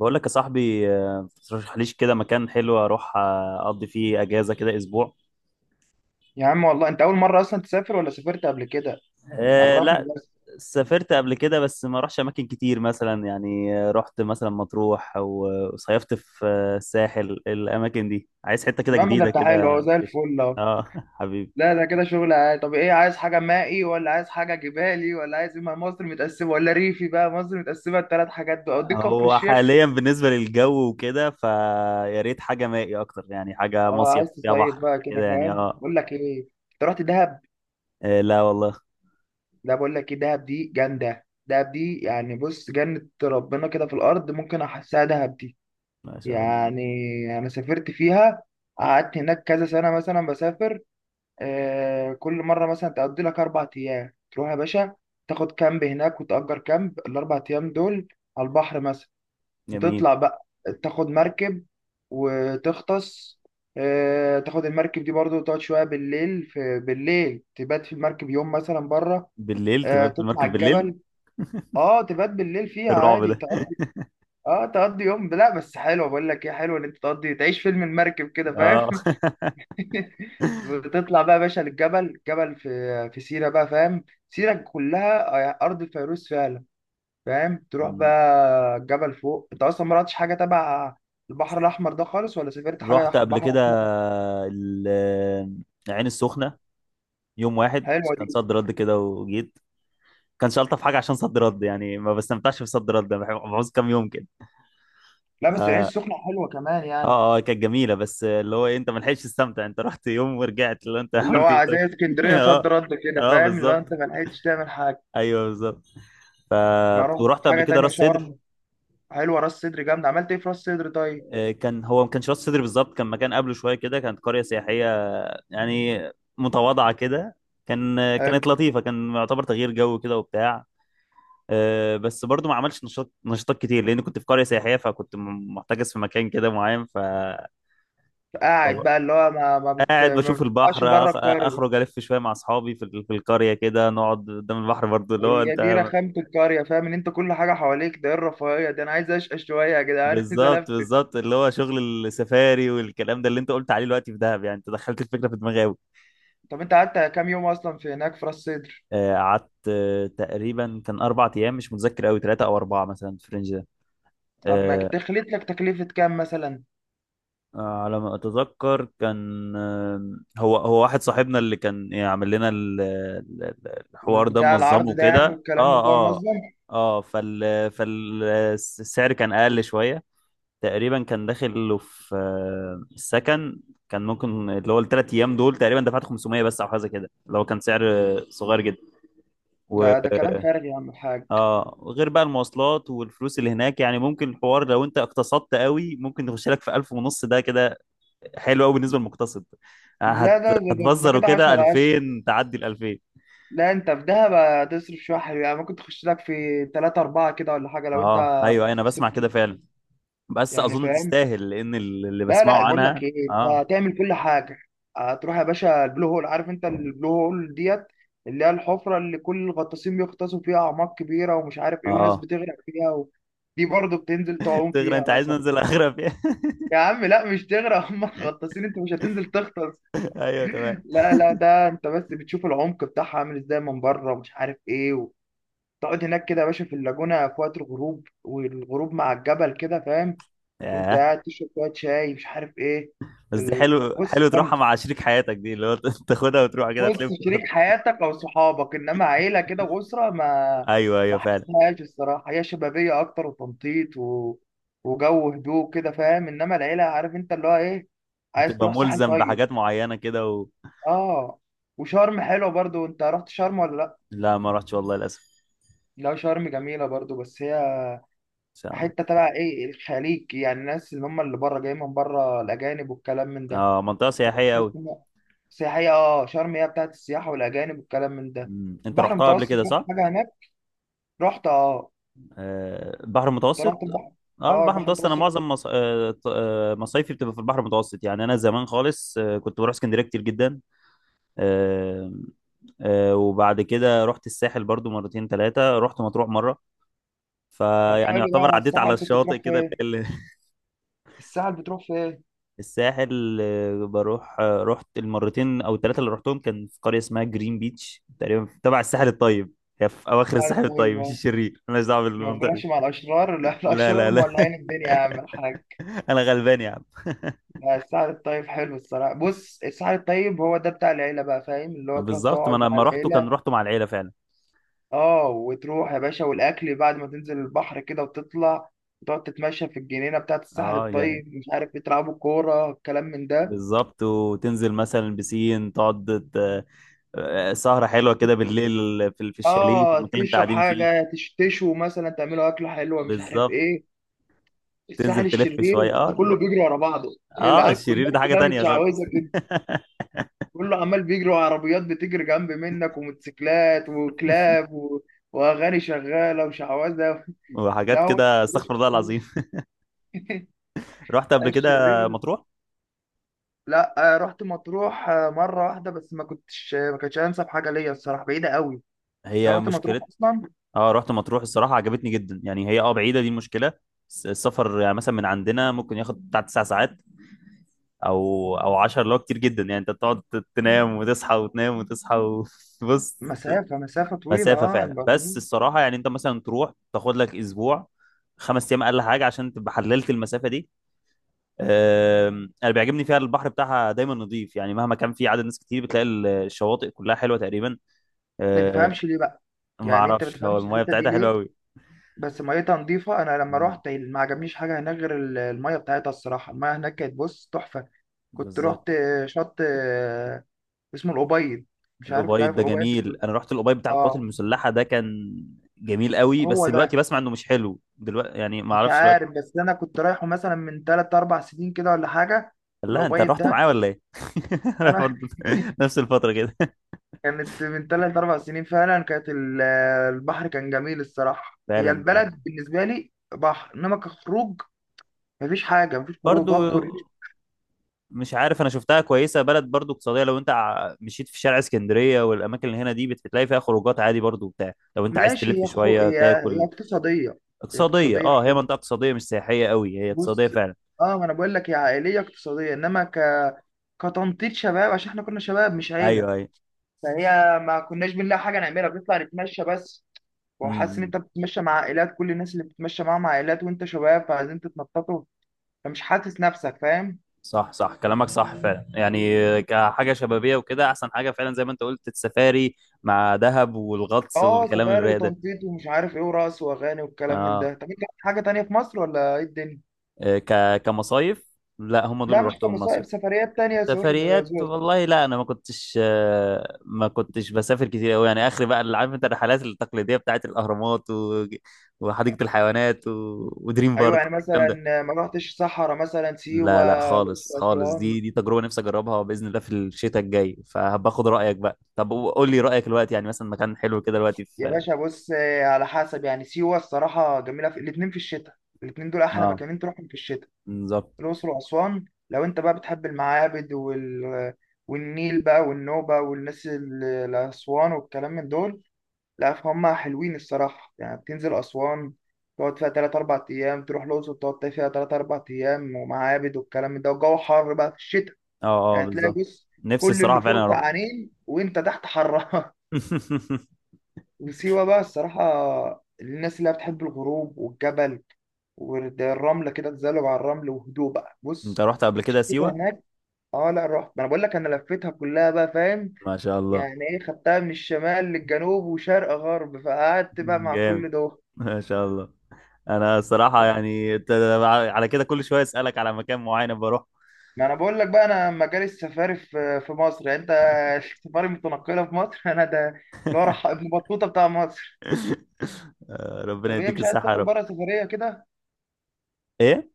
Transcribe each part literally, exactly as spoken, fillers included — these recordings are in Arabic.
بقول لك يا صاحبي آه، ترشح ليش كده مكان حلو اروح آه، اقضي فيه اجازه كده اسبوع. يا عم والله انت اول مره اصلا تسافر ولا سافرت قبل كده؟ أه، عرفني لا. بس. سافرت قبل كده بس ما رحتش اماكن كتير مثلا، يعني آه، رحت مثلا مطروح، او آه، صيفت في آه، الساحل. الاماكن دي عايز حته كده المهم ده جديده انت حلو اهو كده زي ليش. الفل اهو. اه، حبيبي. لا ده كده شغل عادي. طب ايه، عايز حاجه مائي ولا عايز حاجه جبالي ولا عايز ايه؟ ما مصر متقسمه، ولا ريفي بقى. مصر متقسمه الثلاث حاجات دول، اوديك كفر هو الشيخ. حاليا بالنسبه للجو وكده، فيا ريت حاجه مائي اكتر، يعني حاجه اه مصيف عايز فيها تصيف بحر بقى، كده كده يعني فاهم؟ اه بقول لك ايه، انت رحت دهب؟ آه، لا والله. لا بقول لك ايه، دهب دي جامده، دهب دي يعني بص جنه ربنا كده في الارض، ممكن احسها دهب دي ما شاء الله. يعني. انا سافرت فيها، قعدت هناك كذا سنه مثلا بسافر. آه، كل مرة مثلا تقضي لك أربع أيام، تروح يا باشا تاخد كامب هناك، وتأجر كامب الأربع أيام دول على البحر مثلا. جميل. وتطلع بقى تاخد مركب وتغطس. آه، تاخد المركب دي برضو وتقعد شوية بالليل، في بالليل تبات في المركب يوم مثلا بره. بالليل آه، تبقى في تطلع المركب بالليل. الجبل، اه تبات بالليل فيها الرعب عادي، ده. تقضي. اه تقضي يوم، لا بس حلو. بقول لك ايه حلو، ان انت تقضي تعيش فيلم المركب كده اه، فاهم. بتطلع بقى يا باشا للجبل، جبل في في سيرة بقى فاهم. سيرة كلها أرض الفيروز فعلا، فاهم. تروح بقى الجبل فوق. أنت أصلا ما رحتش حاجة تبع البحر الأحمر ده خالص؟ ولا سافرت رحت حاجة قبل بحر كده. أحمر؟ ال- العين السخنة. يوم واحد. حلوة كان دي. صد رد كده وجيت. كانش ألطف حاجة عشان صد رد، يعني ما بستمتعش بصد رد. أنا بحب- بعوز كام يوم كده. لا ف- بس العين اه السخنة حلوة كمان يعني. اه، كانت جميلة، بس اللي هو إيه، انت ما لحقتش تستمتع، انت رحت يوم ورجعت، اللي هو انت اللي عملت ايه هو طيب؟ زي اسكندرية، صد اه. رد كده اه، فاهم، اللي هو بالظبط. أنت ما لحقتش تعمل حاجة. ايوه، بالظبط. ما آه، رحتش ورحت قبل حاجة كده تانية، راس سدر. شرم؟ حلوة راس صدر جامدة، عملت إيه في راس صدر طيب؟ آه، كان هو ما كانش راس سدر بالظبط، كان مكان قبله شويه كده، كانت قريه سياحيه. يعني متواضعة كده. كان حلو. كانت لطيفة، كان يعتبر تغيير جو كده وبتاع. آه، بس برضو ما عملش نشاط نشاطات كتير لان كنت في قريه سياحيه، فكنت م- محتجز في مكان كده معين. ف قاعد طب- بقى اللي هو ما ما بت... قاعد ما بشوف البحر، بتطلعش بره أخ- اخرج القرية. الف شويه مع اصحابي في ال- في القريه كده، نقعد قدام البحر برضو اللي هو هي دي انت. رخامة القرية فاهم، ان انت كل حاجة حواليك ده. ايه الرفاهية ده، انا عايز اشقى شوية يا جدعان عايز الفلف. بالظبط، بالظبط، اللي هو شغل السفاري والكلام ده اللي انت قلت عليه دلوقتي في دهب، يعني انت دخلت الفكره في دماغي قوي. طب انت قعدت كام يوم اصلا في هناك في راس سدر؟ قعدت، آه، تقريبا كان اربع ايام، مش متذكر قوي، ثلاثه او اربعه مثلا في الرينج ده. طب ما آه، تخليت لك تكلفة كام مثلا؟ آه، على ما اتذكر كان، آه، هو هو واحد صاحبنا اللي كان يعمل لنا ال- ال- ال- الحوار ده، بتاع العرض منظمه ده يعني، كده. والكلام من اه ده اه. منظم. اه، فال فالسعر كان اقل شويه. تقريبا كان داخل له في آه، السكن. كان ممكن اللي هو الثلاث ايام دول تقريبا دفعت خمسمئة بس او حاجه كده، اللي هو كان سعر صغير جدا ده و ده كلام فارغ يا عم الحاج. اه، غير بقى المواصلات والفلوس اللي هناك، يعني ممكن الحوار لو انت اقتصدت قوي ممكن يخش لك في الف ونص ده كده. حلو قوي بالنسبه للمقتصد. آه، لا هت... ده ده, ده, ده هتبذر كده عشرة وكده على عشرة. الفين، تعدي ال الفين. لا انت في دهب هتصرف شوية حلوة يعني، ممكن تخش لك في تلاتة أربعة كده ولا حاجة لو انت اه، ايوه، أيوة، انا بسمع صرفت، كده فعلا. بس يعني اظن فاهم. تستاهل لان ال- اللي لا بسمعه لا بقول لك عنها. ايه، انت اه، هتعمل كل حاجه. هتروح يا باشا البلو هول، عارف انت البلو هول ديت، اللي هي الحفره اللي كل الغطاسين بيغطسوا فيها، اعماق كبيره ومش عارف ايه، وناس اه، بتغرق فيها و... دي برضه بتنزل تعوم تغرى فيها انت عايز مثلا. ننزل اغرب يعني. يا عم لا مش تغرق، هم غطاسين، انت مش هتنزل تغطس. ايوه، تمام. لا لا ده انت بس بتشوف العمق بتاعها عامل ازاي من بره، ومش عارف ايه. وتقعد هناك كده يا باشا في اللاجونه في وقت الغروب، والغروب مع الجبل كده فاهم. وانت ياه. قاعد تشرب شويه شاي، مش عارف ايه. بس دي ال- حلو بص حلو تروحها جامدة. مع شريك حياتك، دي اللي هو ت- تاخدها وتروح كده بص تلف شريك براحتك. حياتك او صحابك، انما عيله كده واسره، ما ايوه، ايوه، ما فعلا. حسيتهاش الصراحه. هي شبابيه اكتر وتنطيط و... وجو هدوء كده فاهم. انما العيله عارف انت اللي هو ايه، عايز هتبقى تروح ساحل ملزم طيب. بحاجات معينه كده و... اه وشرم حلوه برضو، انت رحت شرم ولا لا؟ لا، ما رحتش والله للاسف. لا شرم جميله برضو، بس هي ان شاء الله. حته تبع ايه، الخليج يعني، الناس اللي هم اللي بره جايين من بره الاجانب والكلام من ده. اه، منطقه سياحيه تحس قوي. إن- سياحيه اه، شرم هي بتاعت السياحه والاجانب والكلام من ده. انت البحر رحتها قبل المتوسط كده، رحت صح؟ حاجه هناك، رحت اه. آه، البحر انت المتوسط. رحت البحر، اه، اه البحر البحر المتوسط، انا المتوسط. معظم مص... آه، ط- آه، مصايفي بتبقى في البحر المتوسط، يعني انا زمان خالص آه، كنت بروح اسكندريه كتير جدا. آه، آه، وبعد كده رحت الساحل برضو مرتين ثلاثه، رحت مطروح مره. طب فيعني حلو يعتبر بقى، عديت على الساحل كنت الشاطئ بتروح كده فين؟ ال- ال- الساحل بتروح فين؟ الساحل، آه، بروح آه، رحت المرتين او الثلاثه اللي رحتهم، كان في قريه اسمها جرين بيتش تقريبا تبع الساحل الطيب. هي في اواخر الساحل الساحل الطيب، الطيب مش اه. الشرير، مالناش دعوه ما بالمنطقه دي. بتروحش مع الاشرار؟ لا لا، الاشرار لا، لا. مولعين الدنيا يا عم الحاج. انا غلبان يا عم. لا الساحل الطيب حلو الصراحه. بص الساحل الطيب هو ده بتاع العيله بقى فاهم، اللي آه، هو تروح بالظبط، ما تقعد انا مع لما رحته كان العيله. رحته مع العيله فعلا. اه وتروح يا باشا والاكل بعد ما تنزل البحر كده وتطلع، وتقعد تتمشى في الجنينه بتاعت الساحل اه، يعني الطيب، مش عارف بتلعبوا كوره، الكلام من ده. بالظبط، وتنزل مثلا بسين، تقعد ت- آه، سهره حلوه كده بالليل، في في الشاليه في اه المكان اللي انت تشرب قاعدين فيه. حاجه، تش- تشوي مثلا، تعملوا اكله حلوه مش عارف بالظبط. ايه. تنزل الساحل تلف الشرير شويه. انت اه، كله لا. بيجري ورا بعضه، اه، العيال الشرير كلها ده حاجه كلها تانية خالص. متشعوذه كده، كله عمال بيجري، وعربيات بتجري جنب منك، وموتوسيكلات وكلاب و... واغاني شغاله وشعوذه. لا وحاجات هو كده، الشرير، استغفر الله العظيم. رحت قبل كده الشرير. مطروح. لا آه، رحت مطروح آه، مره واحده بس، ما كنتش ما كانتش انسب حاجه ليا الصراحه، بعيده قوي. انت هي رحت مطروح مشكلة. اصلا؟ اه، رحت مطروح، الصراحة عجبتني جدا، يعني هي اه بعيدة، دي المشكلة. الس- السفر يعني مثلا من عندنا ممكن ياخد بتاع تسع ساعات، او او عشر، اللي هو كتير جدا، يعني انت بتقعد تنام وتصحى وتنام وتصحى. وبص. مسافه مسافه طويله مسافه اه عن فعلا، بس برلين. الصراحه يعني انت مثلا تروح تاخد لك اسبوع. خمس ايام اقل حاجه، عشان تبقى حللت المسافه دي. أم، انا بيعجبني فيها البحر بتاعها دايما نظيف، يعني مهما كان في عدد ناس كتير بتلاقي ال- الشواطئ كلها حلوه تقريبا. ما أه، تفهمش ليه بقى؟ ما يعني انت ما اعرفش، هو تفهمش المايه الحته دي بتاعتها حلوه ليه؟ قوي. بس ميتها نظيفة، أنا لما مم، روحت ما عجبنيش حاجة هناك غير ال- المية بتاعتها الصراحة. المية هناك كانت بص تحفة. كنت بالظبط. روحت شط آه، اسمه الأبيض، مش عارف أنت الأوبايد عارف ده الأبيض جميل، ده؟ انا رحت الأوبايد بتاع القوات آه المسلحه ده، كان جميل قوي. بس هو دلوقتي ده. بسمع انه مش حلو دلوقتي، يعني ما مش اعرفش. عارف بس أنا كنت رايحه مثلا من تلات أربع سنين كده ولا حاجة. لا، انت الأبيض رحت ده معاه ولا ايه؟ انا أنا برضه نفس الفترة كده. كانت من تلات أربع سنين فعلا. كانت ال- البحر كان جميل الصراحة. هي فعلا ده. البلد بالنسبة لي بحر، إنما كخروج مفيش حاجة، مفيش خروج برضه. هو. مش عارف، انا شفتها كويسة، بلد برضه اقتصادية، لو انت ع- مشيت في شارع اسكندرية والاماكن اللي هنا دي بتلاقي فيها خروجات عادي برضه وبتاع، لو انت عايز ماشي تلف هي خو... شوية هي هي تاكل. اقتصادية. هي اقتصادية، اقتصادية اه، هي حلو. منطقة اقتصادية، مش سياحية قوي، هي اقتصادية بص فعلا. اه، ما انا بقول لك هي عائلية اقتصادية، انما ك... كتنطيط شباب، عشان احنا كنا شباب مش عيلة. ايوه، ايوه. فهي ما كناش بنلاقي حاجة نعملها، بنطلع نتمشى بس. امم، وحاسس ان امم. انت بتتمشى مع عائلات، كل الناس اللي بتتمشى معاهم عائلات، وانت شباب، فعايزين تتنططوا. فمش حاسس نفسك فاهم. صح، صح، كلامك صح فعلا، يعني آه، كحاجة شبابية وكده احسن حاجة فعلا، زي ما انت قلت السفاري مع دهب والغطس اه والكلام سفاري الرايق ده. وتنطيط ومش عارف ايه، ورقص واغاني والكلام من اه. ده. طب انت عندك حاجة تانية في مصر ولا ايه الدنيا؟ آه، ك كمصايف لا، هم دول لا اللي مش رحتهم كمصائب، مصيف. سفريات تانية يا زهور. سفريات، والله لا، انا ما كنتش آه، ما كنتش بسافر كتير قوي، يعني اخر بقى اللي عارف انت الرحلات التقليديه بتاعت الاهرامات و... وحديقه الحيوانات و... ودريم ايوه بارك يعني الكلام مثلا، ده. ما رحتش صحراء مثلا، سيوه، لا، لا، الاقصر، خالص، خالص، اسوان. دي دي تجربه نفسي اجربها باذن الله في الشتاء الجاي، فهباخد رايك بقى. طب قول لي رايك دلوقتي، يعني مثلا مكان حلو كده دلوقتي يا في باشا بص آه، على حسب يعني. سيوه الصراحه جميله في الاثنين في الشتاء. الاثنين دول احلى اه، مكانين تروحهم في الشتاء. بالظبط. الاقصر واسوان لو انت بقى بتحب المعابد وال... والنيل بقى والنوبه والناس ال- الاسوان والكلام من دول، لا فهم حلوين الصراحه. يعني بتنزل اسوان تقعد فيها تلات أربع ايام، تروح الاقصر تقعد فيها تلات أربع ايام، ومعابد والكلام من ده، والجو حر بقى في الشتاء. اه، اه، يعني تلاقي بالظبط. بص، نفسي كل الصراحه اللي فعلا فوق اروح. سقعانين وانت تحت حران. وسيوة بقى الصراحة، الناس اللي هي بتحب الغروب والجبل والرملة كده، تزلج على الرمل، وهدوء بقى انت بص، رحت قبل كده الشتا سيوه؟ هناك. اه لا رحت، ما انا بقول لك انا لفيتها كلها بقى فاهم. ما شاء الله. يعني ايه، خدتها من الشمال للجنوب وشرق غرب، فقعدت بقى مع جامد. كل دول. ما شاء الله. انا الصراحه يعني انت، على كده كل شويه اسالك على مكان معين بروح. ما انا بقول لك بقى، انا مجال السفاري في في مصر يعني انت السفاري متنقله في مصر. انا ده اللي هو راح ابن بطوطه بتاع مصر. آه، ربنا طب هي يديك مش عايز الصحه يا تسافر رب. بره سفرية كده؟ ايه.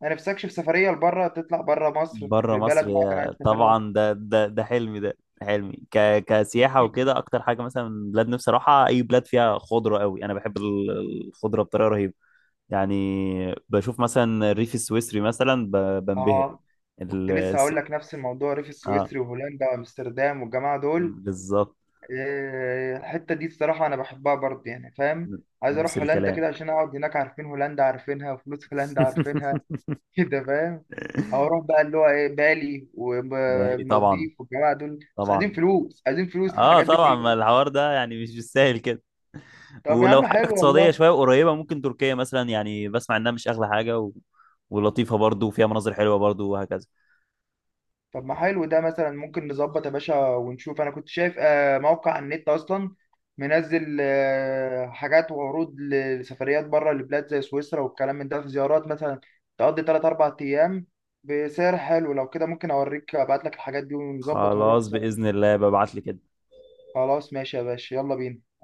ما نفسكش في سفرية لبره، تطلع بره مصر بره في مصر، بلد معينة يا عايز تسافرها؟ طبعا، ده ده ده حلمي، ده حلمي ك كسياحه وكده، اكتر حاجه مثلا بلاد نفسي اروحها، اي بلاد فيها خضره قوي، انا بحب ال- الخضره بطريقه رهيبه. يعني بشوف مثلا الريف السويسري مثلا ب- بنبهر. اه كنت ال... لسه الس- هقول لك نفس الموضوع، الريف اه، السويسري وهولندا وامستردام والجماعة دول. بالظبط، إيه، الحتة دي الصراحة انا بحبها برضه يعني فاهم. عايز نفس اروح هولندا الكلام. كده عشان اقعد هناك، عارفين هولندا عارفينها، وفلوس هولندا عارفينها. كده فاهم. او اروح بقى اللي هو ايه، بالي داري طبعا. والمالديف والجماعة دول، بس طبعا. عايزين فلوس، عايزين فلوس اه، للحاجات دي طبعا، ما كلها. الحوار ده يعني مش بالسهل كده. طب يا ولو عم حاجه حلو اقتصاديه والله. شويه قريبه، ممكن تركيا مثلا، يعني بسمع انها مش اغلى حاجه و... ولطيفه برضو، وفيها مناظر حلوه برضو، وهكذا. طب ما حلو ده مثلا ممكن نظبط يا باشا ونشوف. انا كنت شايف آه، موقع على النت اصلا، منزل آه، حاجات وعروض لسفريات بره لبلاد زي سويسرا والكلام من ده، في زيارات مثلا تقضي تلات أربع ايام بسعر حلو. لو كده ممكن اوريك، ابعت لك الحاجات دي ونظبط ونروح خلاص، سوا. باذن الله ببعت لي كده. خلاص ماشي يا باشا، يلا بينا.